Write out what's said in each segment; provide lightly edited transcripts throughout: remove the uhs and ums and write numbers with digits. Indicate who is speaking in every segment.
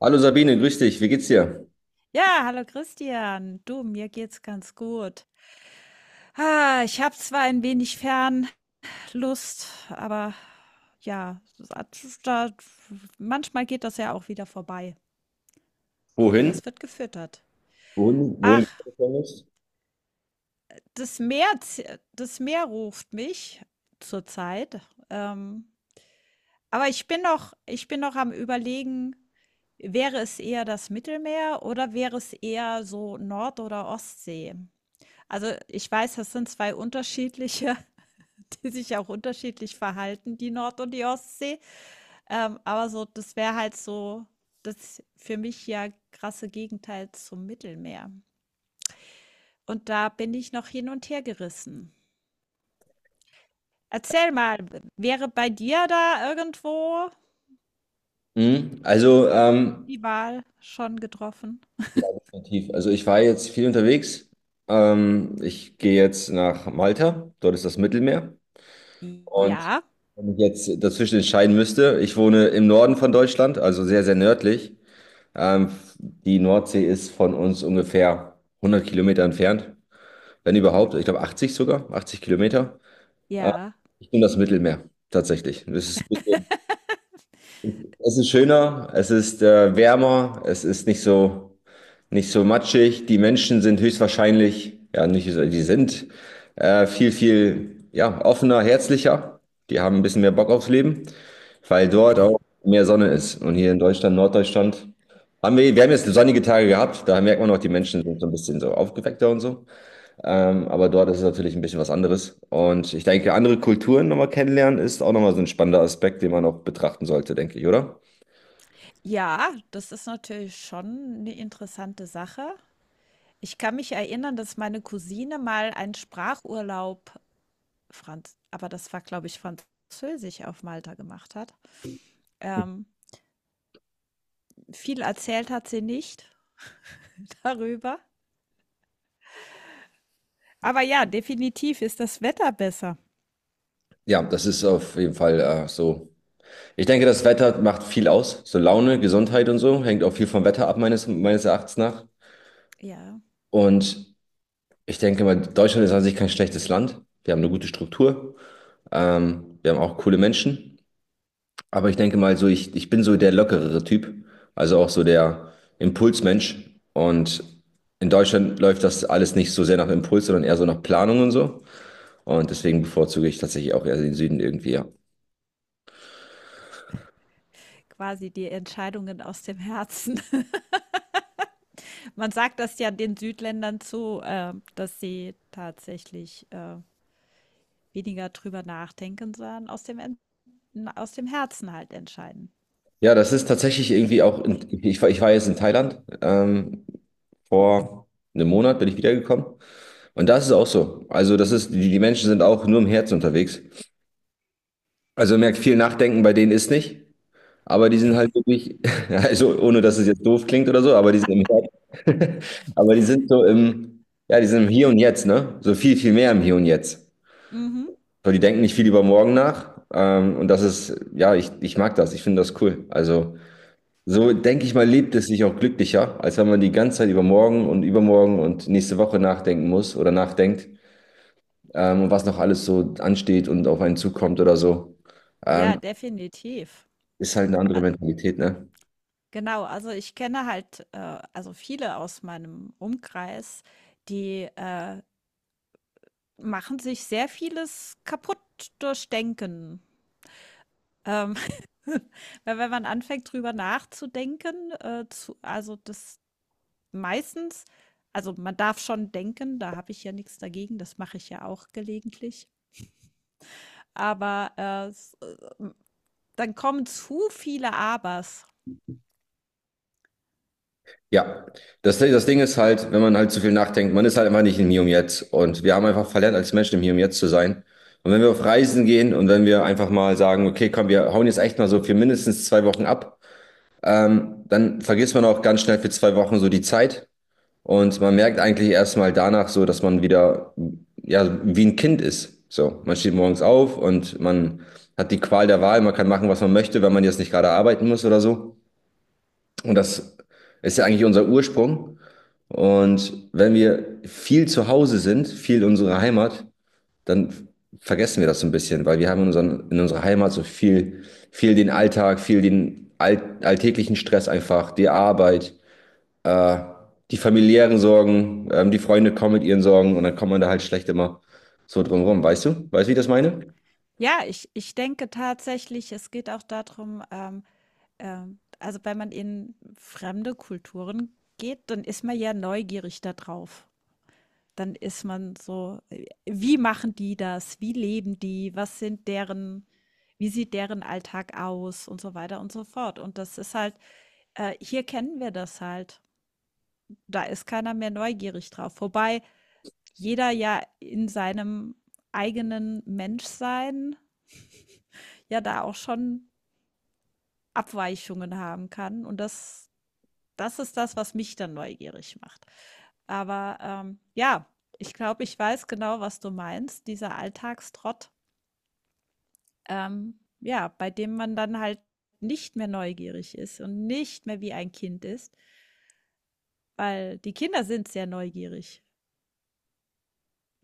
Speaker 1: Hallo Sabine, grüß dich, wie geht's dir?
Speaker 2: Ja, hallo Christian. Du, mir geht's ganz gut. Ah, ich habe zwar ein wenig Fernlust, aber ja, manchmal geht das ja auch wieder vorbei. Oder
Speaker 1: Wohin?
Speaker 2: es wird gefüttert.
Speaker 1: Wohin,
Speaker 2: Ach,
Speaker 1: du planst?
Speaker 2: das Meer ruft mich zurzeit. Ähm, aber ich bin noch am Überlegen, wäre es eher das Mittelmeer oder wäre es eher so Nord- oder Ostsee? Also, ich weiß, das sind 2 unterschiedliche, die sich auch unterschiedlich verhalten, die Nord und die Ostsee. Aber so, das wäre halt so das für mich ja krasse Gegenteil zum Mittelmeer. Und da bin ich noch hin und her gerissen. Erzähl mal, wäre bei dir da irgendwo
Speaker 1: Mhm.
Speaker 2: die Wahl schon getroffen?
Speaker 1: Ja, definitiv. Also ich war jetzt viel unterwegs. Ich gehe jetzt nach Malta, dort ist das Mittelmeer. Und
Speaker 2: Ja,
Speaker 1: wenn ich jetzt dazwischen entscheiden müsste, ich wohne im Norden von Deutschland, also sehr, sehr nördlich. Ähm, Die Nordsee ist von uns ungefähr 100 Kilometer entfernt, wenn überhaupt. Ich glaube 80 sogar, 80 Kilometer. Äh,
Speaker 2: ja.
Speaker 1: Ich nehme das Mittelmeer tatsächlich. Das ist Es ist schöner, es ist wärmer, es ist nicht so matschig. Die Menschen sind höchstwahrscheinlich, ja, nicht so, die sind viel, ja, offener, herzlicher. Die haben ein bisschen mehr Bock aufs Leben, weil dort auch mehr Sonne ist. Und hier in Deutschland, Norddeutschland, haben wir haben jetzt sonnige Tage gehabt. Da merkt man auch, die Menschen sind so ein bisschen so aufgeweckter und so. Aber dort ist es natürlich ein bisschen was anderes. Und ich denke, andere Kulturen nochmal kennenlernen ist auch nochmal so ein spannender Aspekt, den man auch betrachten sollte, denke ich, oder?
Speaker 2: Ja, das ist natürlich schon eine interessante Sache. Ich kann mich erinnern, dass meine Cousine mal einen Sprachurlaub Franz aber das war, glaube ich, Französisch auf Malta gemacht hat. Ähm, viel erzählt hat sie nicht darüber. Aber ja, definitiv ist das Wetter besser.
Speaker 1: Ja, das ist auf jeden Fall so. Ich denke, das Wetter macht viel aus. So Laune, Gesundheit und so hängt auch viel vom Wetter ab, meines Erachtens nach.
Speaker 2: Ja,
Speaker 1: Und ich denke mal, Deutschland ist an sich kein schlechtes Land. Wir haben eine gute Struktur. Wir haben auch coole Menschen. Aber ich denke mal so, ich bin so der lockerere Typ, also auch so der Impulsmensch. Und in Deutschland läuft das alles nicht so sehr nach Impuls, sondern eher so nach Planung und so. Und deswegen bevorzuge ich tatsächlich auch eher den Süden irgendwie, ja.
Speaker 2: quasi die Entscheidungen aus dem Herzen. Man sagt das ja den Südländern zu, dass sie tatsächlich, weniger drüber nachdenken, sondern aus dem Herzen halt entscheiden.
Speaker 1: Ja, das ist tatsächlich irgendwie auch, ich war jetzt in Thailand, vor einem Monat bin ich wiedergekommen. Und das ist auch so. Also das ist, die Menschen sind auch nur im Herzen unterwegs. Also man merkt, viel Nachdenken bei denen ist nicht. Aber die sind halt wirklich, also ohne dass es jetzt doof klingt oder so, aber die sind im aber die sind so im, ja, die sind im Hier und Jetzt, ne? So viel, viel mehr im Hier und Jetzt.
Speaker 2: Mhm.
Speaker 1: So, die denken nicht viel über morgen nach. Und das ist, ja, ich mag das, ich finde das cool. Also, so denke ich mal, lebt es sich auch glücklicher, als wenn man die ganze Zeit über morgen und übermorgen und nächste Woche nachdenken muss oder nachdenkt, und was noch alles so ansteht und auf einen zukommt oder so.
Speaker 2: Ja,
Speaker 1: Ähm,
Speaker 2: definitiv.
Speaker 1: Ist halt eine andere
Speaker 2: Äh,
Speaker 1: Mentalität, ne?
Speaker 2: genau, also ich kenne halt, also viele aus meinem Umkreis, die machen sich sehr vieles kaputt durch Denken. Ähm, weil wenn man anfängt, drüber nachzudenken, zu, also das meistens, also man darf schon denken, da habe ich ja nichts dagegen, das mache ich ja auch gelegentlich, aber dann kommen zu viele Abers.
Speaker 1: Ja, das Ding ist halt, wenn man halt zu viel nachdenkt, man ist halt einfach nicht im Hier und Jetzt. Und wir haben einfach verlernt, als Menschen im Hier und Jetzt zu sein. Und wenn wir auf Reisen gehen und wenn wir einfach mal sagen, okay, komm, wir hauen jetzt echt mal so für mindestens zwei Wochen ab, dann vergisst man auch ganz schnell für zwei Wochen so die Zeit. Und man merkt eigentlich erst mal danach so, dass man wieder, ja, wie ein Kind ist. So, man steht morgens auf und man hat die Qual der Wahl, man kann machen, was man möchte, wenn man jetzt nicht gerade arbeiten muss oder so. Und das ist ja eigentlich unser Ursprung. Und wenn wir viel zu Hause sind, viel in unserer Heimat, dann vergessen wir das so ein bisschen, weil wir haben in unserer Heimat so viel, viel den Alltag, viel den alltäglichen Stress einfach, die Arbeit, äh, die familiären Sorgen, die Freunde kommen mit ihren Sorgen und dann kommt man da halt schlecht immer so drum rum. Weißt du? Weißt du, wie ich das meine?
Speaker 2: Ja, ich denke tatsächlich, es geht auch darum. Also, wenn man in fremde Kulturen geht, dann ist man ja neugierig da drauf. Dann ist man so: Wie machen die das? Wie leben die? Was sind deren Wie sieht deren Alltag aus?" und so weiter und so fort. Und das ist halt hier kennen wir das halt. Da ist keiner mehr neugierig drauf. Wobei jeder ja in seinem eigenen Menschsein ja da auch schon Abweichungen haben kann. Und das ist das, was mich dann neugierig macht. Aber, ja, ich glaube, ich weiß genau, was du meinst, dieser Alltagstrott, ja, bei dem man dann halt nicht mehr neugierig ist und nicht mehr wie ein Kind ist, weil die Kinder sind sehr neugierig.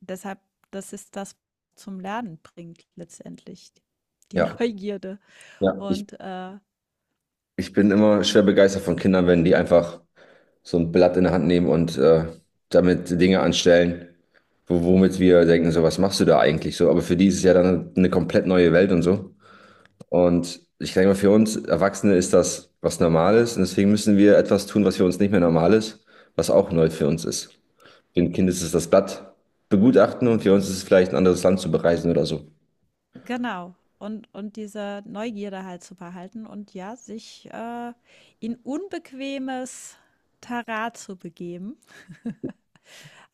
Speaker 2: Deshalb das ist das, was zum Lernen bringt letztendlich, die
Speaker 1: Ja,
Speaker 2: Neugierde.
Speaker 1: ja.
Speaker 2: Und, äh
Speaker 1: Ich bin immer schwer begeistert von Kindern, wenn die einfach so ein Blatt in der Hand nehmen und damit Dinge anstellen, womit wir denken, so, was machst du da eigentlich so? Aber für die ist es ja dann eine komplett neue Welt und so. Und ich denke mal, für uns Erwachsene ist das was Normales und deswegen müssen wir etwas tun, was für uns nicht mehr normal ist, was auch neu für uns ist. Für ein Kind ist es das Blatt begutachten und für uns ist es vielleicht ein anderes Land zu bereisen oder so.
Speaker 2: Genau. Und diese Neugierde halt zu behalten und ja, sich, in unbequemes Terrain zu begeben.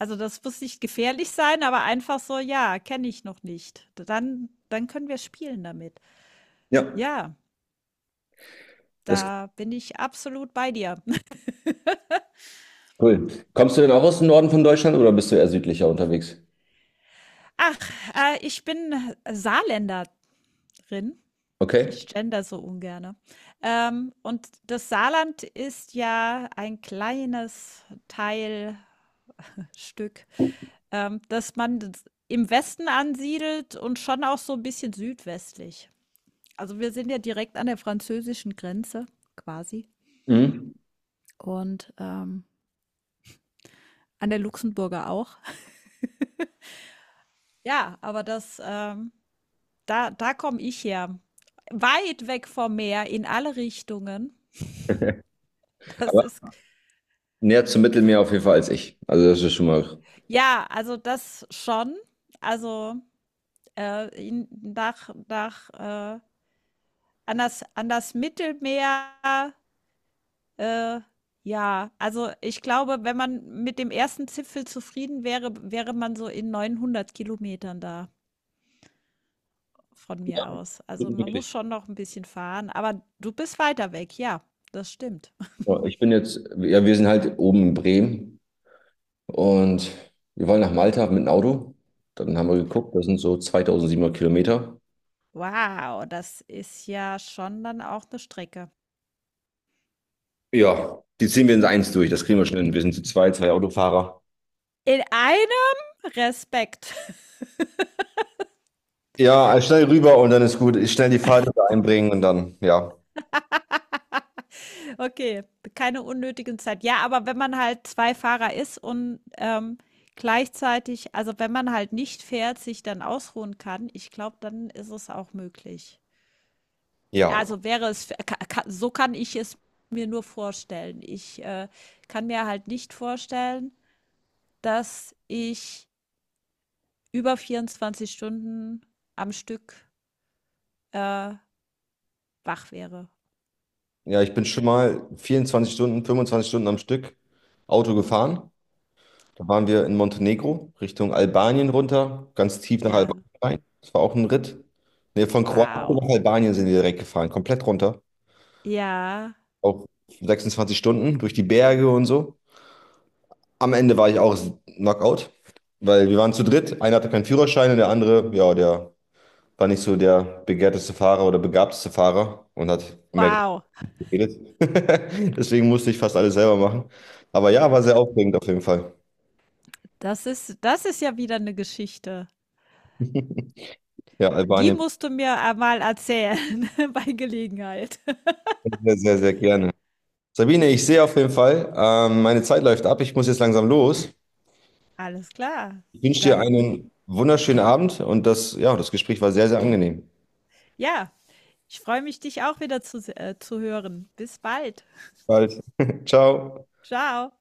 Speaker 2: Also, das muss nicht gefährlich sein, aber einfach so: „Ja, kenne ich noch nicht." Dann können wir spielen damit.
Speaker 1: Ja,
Speaker 2: Ja,
Speaker 1: das ist
Speaker 2: da bin ich absolut bei dir.
Speaker 1: cool. Kommst du denn auch aus dem Norden von Deutschland oder bist du eher südlicher unterwegs?
Speaker 2: Ach, ich bin Saarländerin.
Speaker 1: Okay.
Speaker 2: Ich gender so ungerne. Und das Saarland ist ja ein kleines Teil Stück, dass man das im Westen ansiedelt und schon auch so ein bisschen südwestlich. Also, wir sind ja direkt an der französischen Grenze quasi
Speaker 1: Mhm.
Speaker 2: und, an der Luxemburger auch. Ja, aber das, da komme ich her. Weit weg vom Meer in alle Richtungen. Das
Speaker 1: Aber
Speaker 2: ist
Speaker 1: näher zum Mittelmeer auf jeden Fall als ich. Also das ist schon mal
Speaker 2: ja, also, das schon. Also, in nach nach, an das Mittelmeer. Äh, ja, also ich glaube, wenn man mit dem ersten Zipfel zufrieden wäre, wäre man so in 900 Kilometern da von mir aus. Also
Speaker 1: gut
Speaker 2: man muss
Speaker 1: möglich.
Speaker 2: schon noch ein bisschen fahren, aber du bist weiter weg, ja, das stimmt.
Speaker 1: Ja, ich bin jetzt, ja, wir sind halt oben in Bremen und wir wollen nach Malta mit dem Auto. Dann haben wir geguckt, das sind so 2700 Kilometer.
Speaker 2: Wow, das ist ja schon dann auch eine Strecke.
Speaker 1: Ja, die ziehen wir in eins durch, das kriegen wir schnell hin. Wir sind zu zwei Autofahrer.
Speaker 2: In einem Respekt.
Speaker 1: Ja, also schnell rüber und dann ist gut. Ich schnell die Fahrrad einbringen und dann, ja,
Speaker 2: Okay, keine unnötigen Zeit. Ja, aber wenn man halt 2 Fahrer ist und, gleichzeitig also, wenn man halt nicht fährt, sich dann ausruhen kann, ich glaube, dann ist es auch möglich.
Speaker 1: ja.
Speaker 2: Also, wäre es ka ka so kann ich es mir nur vorstellen. Ich kann mir halt nicht vorstellen, dass ich über 24 Stunden am Stück, äh, wach wäre.
Speaker 1: Ja, ich bin schon mal 24 Stunden, 25 Stunden am Stück Auto gefahren. Da waren wir in Montenegro, Richtung Albanien runter, ganz tief nach Albanien
Speaker 2: Ja.
Speaker 1: rein. Das war auch ein Ritt. Nee, von Kroatien
Speaker 2: Wow.
Speaker 1: nach Albanien sind wir direkt gefahren, komplett runter.
Speaker 2: Ja.
Speaker 1: Auch 26 Stunden durch die Berge und so. Am Ende war ich auch Knockout, weil wir waren zu dritt. Einer hatte keinen Führerschein und der andere, ja, der war nicht so der begehrteste Fahrer oder begabteste Fahrer und hat mehr
Speaker 2: Wow.
Speaker 1: geredet. Deswegen musste ich fast alles selber machen. Aber ja, war sehr aufregend auf jeden Fall.
Speaker 2: Das ist ja wieder eine Geschichte.
Speaker 1: Ja,
Speaker 2: Die
Speaker 1: Albanien
Speaker 2: musst du mir einmal erzählen bei Gelegenheit.
Speaker 1: sehr, sehr, sehr gerne. Sabine, ich sehe auf jeden Fall, meine Zeit läuft ab. Ich muss jetzt langsam los.
Speaker 2: Alles klar.
Speaker 1: Ich wünsche dir
Speaker 2: Dann
Speaker 1: einen wunderschönen Abend und ja, das Gespräch war sehr, sehr angenehm.
Speaker 2: ja, ich freue mich, dich auch wieder zu hören. Bis bald.
Speaker 1: Bald. Ciao.
Speaker 2: Ciao.